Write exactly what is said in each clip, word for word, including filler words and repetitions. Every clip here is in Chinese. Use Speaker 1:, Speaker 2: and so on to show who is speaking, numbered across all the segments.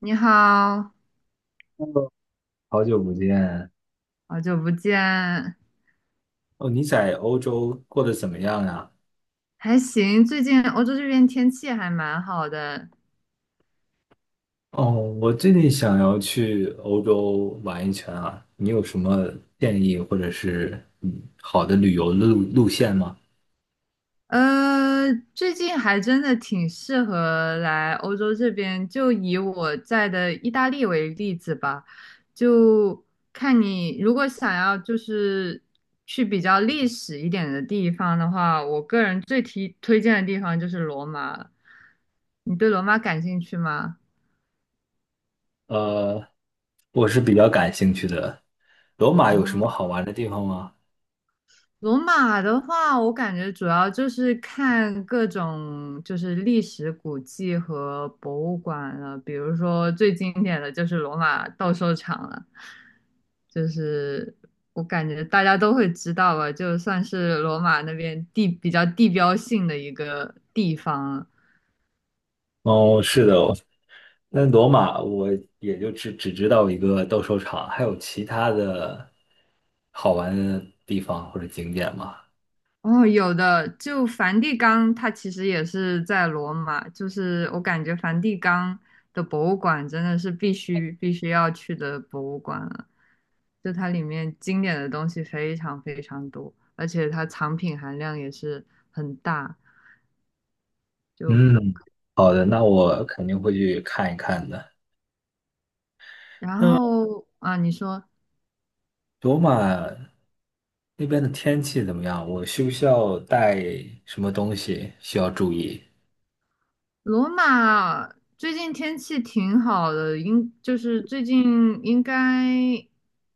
Speaker 1: 你好，
Speaker 2: 好久不见
Speaker 1: 好久不见，
Speaker 2: 哦！你在欧洲过得怎么样呀？
Speaker 1: 还行。最近欧洲这边天气还蛮好的。
Speaker 2: 哦，我最近想要去欧洲玩一圈啊，你有什么建议或者是嗯好的旅游路路线吗？
Speaker 1: 呃，最近还真的挺适合来欧洲这边。就以我在的意大利为例子吧，就看你如果想要就是去比较历史一点的地方的话，我个人最提推荐的地方就是罗马了。你对罗马感兴趣吗？
Speaker 2: 呃，我是比较感兴趣的。罗马有什么
Speaker 1: 哦。
Speaker 2: 好玩的地方吗？
Speaker 1: 罗马的话，我感觉主要就是看各种就是历史古迹和博物馆了，比如说最经典的就是罗马斗兽场了，就是我感觉大家都会知道吧，就算是罗马那边地比较地标性的一个地方。
Speaker 2: 哦，是的，那罗马我也就只只知道一个斗兽场，还有其他的好玩的地方或者景点吗？
Speaker 1: 哦，有的，就梵蒂冈，它其实也是在罗马，就是我感觉梵蒂冈的博物馆真的是必须必须要去的博物馆了，就它里面经典的东西非常非常多，而且它藏品含量也是很大。就
Speaker 2: 嗯，好的，那我肯定会去看一看的。
Speaker 1: 然
Speaker 2: 那
Speaker 1: 后啊，你说。
Speaker 2: 罗马那边的天气怎么样？我需不需要带什么东西需要注意？
Speaker 1: 罗马最近天气挺好的，应就是最近应该，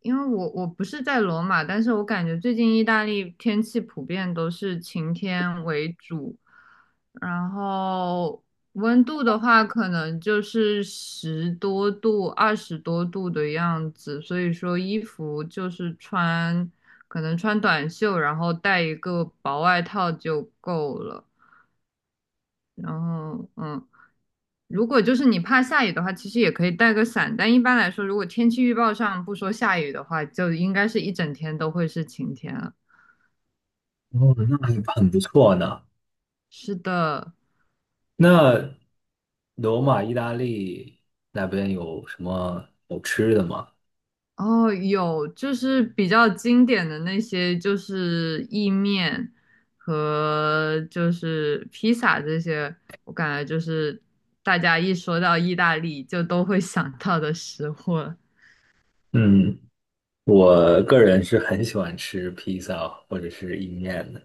Speaker 1: 因为我我不是在罗马，但是我感觉最近意大利天气普遍都是晴天为主，然后温度的话可能就是十多度、二十多度的样子，所以说衣服就是穿，可能穿短袖，然后带一个薄外套就够了。然后嗯，如果就是你怕下雨的话，其实也可以带个伞，但一般来说，如果天气预报上不说下雨的话，就应该是一整天都会是晴天了。
Speaker 2: 哦，那还很不错呢。
Speaker 1: 是的。
Speaker 2: 那罗马、意大利那边有什么好吃的吗？
Speaker 1: 哦，有就是比较经典的那些，就是意面和就是披萨这些，我感觉就是大家一说到意大利就都会想到的食物了。
Speaker 2: 嗯，我个人是很喜欢吃披萨或者是意面的。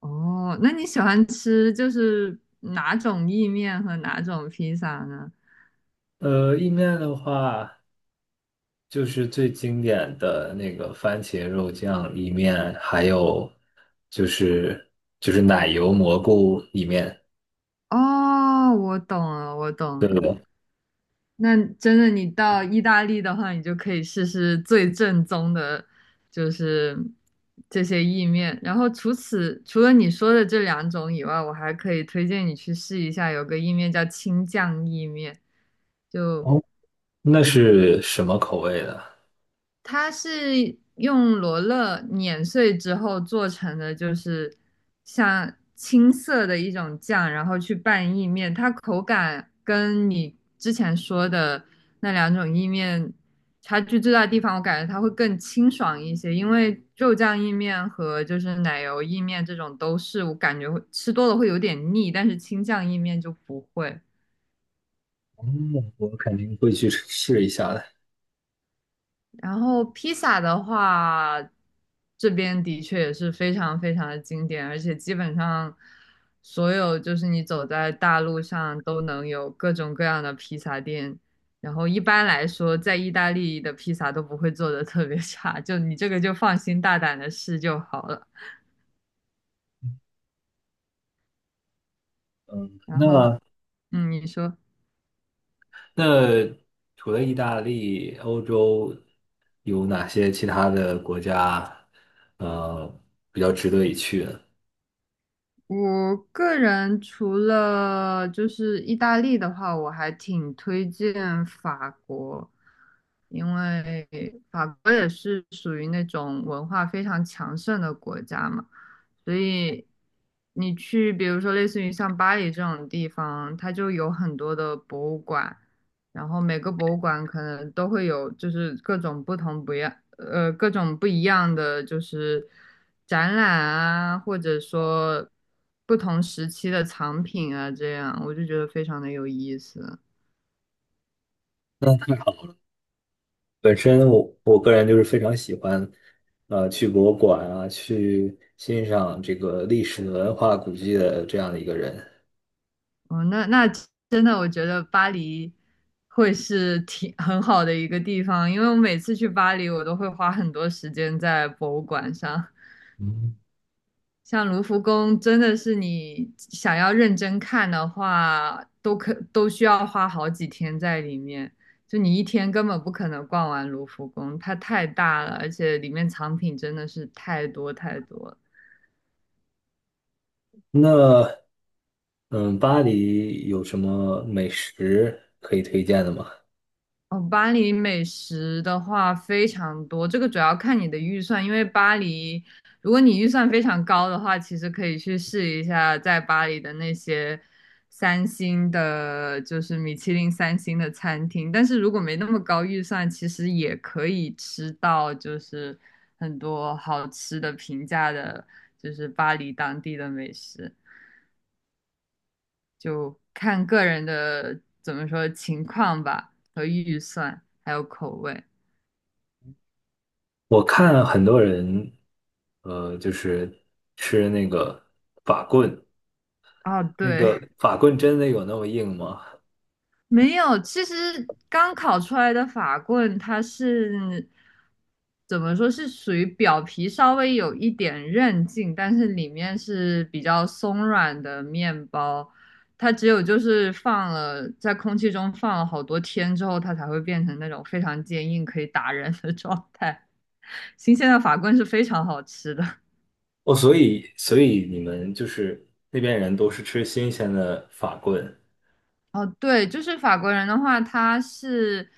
Speaker 1: 哦，那你喜欢吃就是哪种意面和哪种披萨呢？
Speaker 2: 呃，意面的话。就是最经典的那个番茄肉酱意面，还有就是就是奶油蘑菇意面，
Speaker 1: 哦，我懂了，我懂了。那真的，你到意大利的话，你就可以试试最正宗的，就是这些意面。然后除此除了你说的这两种以外，我还可以推荐你去试一下，有个意面叫青酱意面，就
Speaker 2: 哦，那是什么口味的？
Speaker 1: 它是用罗勒碾碎之后做成的，就是像青色的一种酱，然后去拌意面。它口感跟你之前说的那两种意面差距最大的地方，我感觉它会更清爽一些，因为肉酱意面和就是奶油意面这种都是我感觉会吃多了会有点腻，但是青酱意面就不会。
Speaker 2: 嗯我肯定会去试一下的。
Speaker 1: 然后披萨的话，这边的确也是非常非常的经典，而且基本上所有就是你走在大路上都能有各种各样的披萨店。然后一般来说，在意大利的披萨都不会做的特别差，就你这个就放心大胆的试就好了。
Speaker 2: 嗯，
Speaker 1: 然后，
Speaker 2: 那
Speaker 1: 嗯，你说。
Speaker 2: 那除了意大利，欧洲有哪些其他的国家，呃，比较值得一去呢？
Speaker 1: 我个人除了就是意大利的话，我还挺推荐法国，因为法国也是属于那种文化非常强盛的国家嘛。所以你去，比如说类似于像巴黎这种地方，它就有很多的博物馆，然后每个博物馆可能都会有，就是各种不同不一样，呃，各种不一样的就是展览啊，或者说不同时期的藏品啊，这样我就觉得非常的有意思。
Speaker 2: 本身我我个人就是非常喜欢，呃，去博物馆啊，去欣赏这个历史文化古迹的这样的一个人。
Speaker 1: 哦，那那真的，我觉得巴黎会是挺 很好的一个地方，因为我每次去巴黎，我都会花很多时间在博物馆上。
Speaker 2: 嗯，
Speaker 1: 像卢浮宫，真的是你想要认真看的话，都可都需要花好几天在里面。就你一天根本不可能逛完卢浮宫，它太大了，而且里面藏品真的是太多太多了。
Speaker 2: 那，嗯，巴黎有什么美食可以推荐的吗？
Speaker 1: 哦，巴黎美食的话非常多，这个主要看你的预算，因为巴黎，如果你预算非常高的话，其实可以去试一下在巴黎的那些三星的，就是米其林三星的餐厅。但是如果没那么高预算，其实也可以吃到就是很多好吃的、平价的，就是巴黎当地的美食，就看个人的怎么说情况吧和预算，还有口味。
Speaker 2: 我看很多人，呃，就是吃那个法棍，
Speaker 1: 啊，
Speaker 2: 那
Speaker 1: 对，
Speaker 2: 个法棍真的有那么硬吗？
Speaker 1: 没有。其实刚烤出来的法棍，它是怎么说是属于表皮稍微有一点韧劲，但是里面是比较松软的面包。它只有就是放了在空气中放了好多天之后，它才会变成那种非常坚硬可以打人的状态。新鲜的法棍是非常好吃的。
Speaker 2: 哦，所以所以你们就是那边人都是吃新鲜的法棍。
Speaker 1: 哦，对，就是法国人的话，他是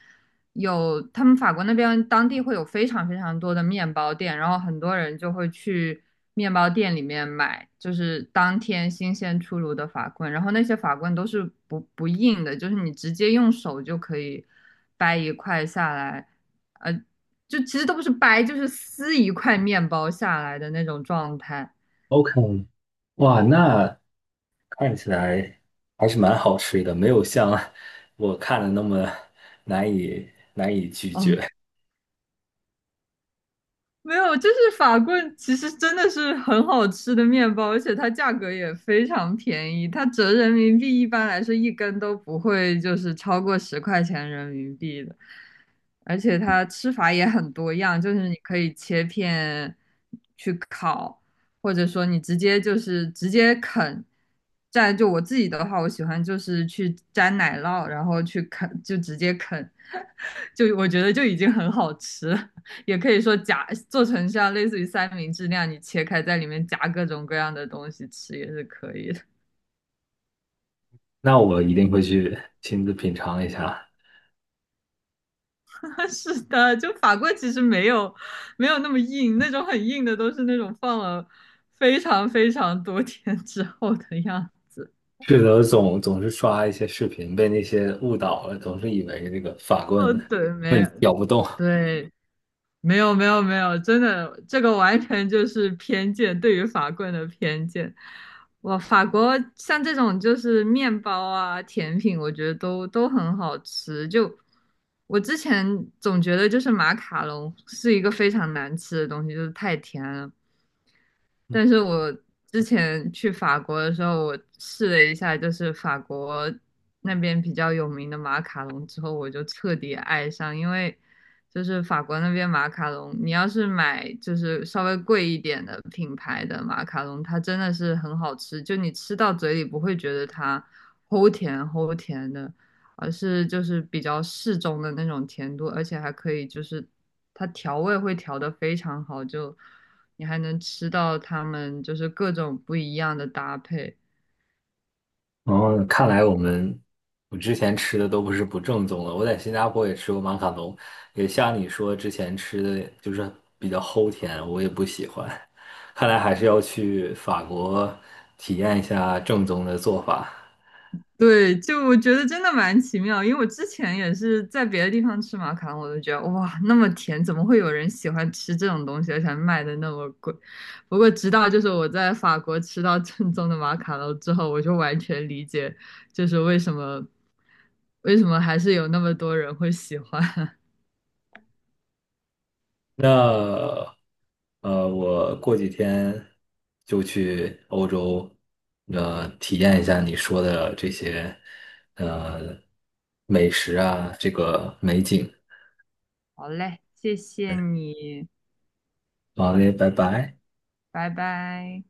Speaker 1: 有他们法国那边当地会有非常非常多的面包店，然后很多人就会去面包店里面买，就是当天新鲜出炉的法棍，然后那些法棍都是不不硬的，就是你直接用手就可以掰一块下来，呃，就其实都不是掰，就是撕一块面包下来的那种状态。
Speaker 2: OK,哇，那看起来还是蛮好吃的，没有像我看的那么难以难以拒绝。
Speaker 1: 嗯。没有，就是法棍，其实真的是很好吃的面包，而且它价格也非常便宜，它折人民币一般来说一根都不会就是超过十块钱人民币的，而且它吃法也很多样，就是你可以切片去烤，或者说你直接就是直接啃。蘸就我自己的话，我喜欢就是去沾奶酪，然后去啃，就直接啃，就我觉得就已经很好吃了。也可以说夹做成像类似于三明治那样，你切开在里面夹各种各样的东西吃也是可以的。
Speaker 2: 那我一定会去亲自品尝一下。
Speaker 1: 是的，就法棍其实没有没有那么硬，那种很硬的都是那种放了非常非常多天之后的样子。
Speaker 2: 是的，总总是刷一些视频，被那些误导了，总是以为这个法棍
Speaker 1: 哦，对，没
Speaker 2: 棍
Speaker 1: 有，
Speaker 2: 咬不动。
Speaker 1: 对，没有没有没有，真的，这个完全就是偏见，对于法棍的偏见。哇，法国像这种就是面包啊、甜品，我觉得都都很好吃。就我之前总觉得就是马卡龙是一个非常难吃的东西，就是太甜了。但是我之前去法国的时候，我试了一下，就是法国那边比较有名的马卡龙之后，我就彻底爱上，因为就是法国那边马卡龙，你要是买就是稍微贵一点的品牌的马卡龙，它真的是很好吃，就你吃到嘴里不会觉得它齁甜齁甜的，而是就是比较适中的那种甜度，而且还可以就是它调味会调得非常好，就。你还能吃到他们就是各种不一样的搭配。
Speaker 2: 然哦，看来我们我之前吃的都不是不正宗的。我在新加坡也吃过马卡龙，也像你说之前吃的就是比较齁甜，我也不喜欢。看来还是要去法国体验一下正宗的做法。
Speaker 1: 对，就我觉得真的蛮奇妙，因为我之前也是在别的地方吃马卡龙，我都觉得哇，那么甜，怎么会有人喜欢吃这种东西，而且还卖的那么贵？不过直到就是我在法国吃到正宗的马卡龙之后，我就完全理解，就是为什么为什么还是有那么多人会喜欢。
Speaker 2: 那呃，我过几天就去欧洲，呃，体验一下你说的这些呃美食啊，这个美景。
Speaker 1: 好嘞，谢谢你，
Speaker 2: 好嘞，拜拜。
Speaker 1: 拜拜。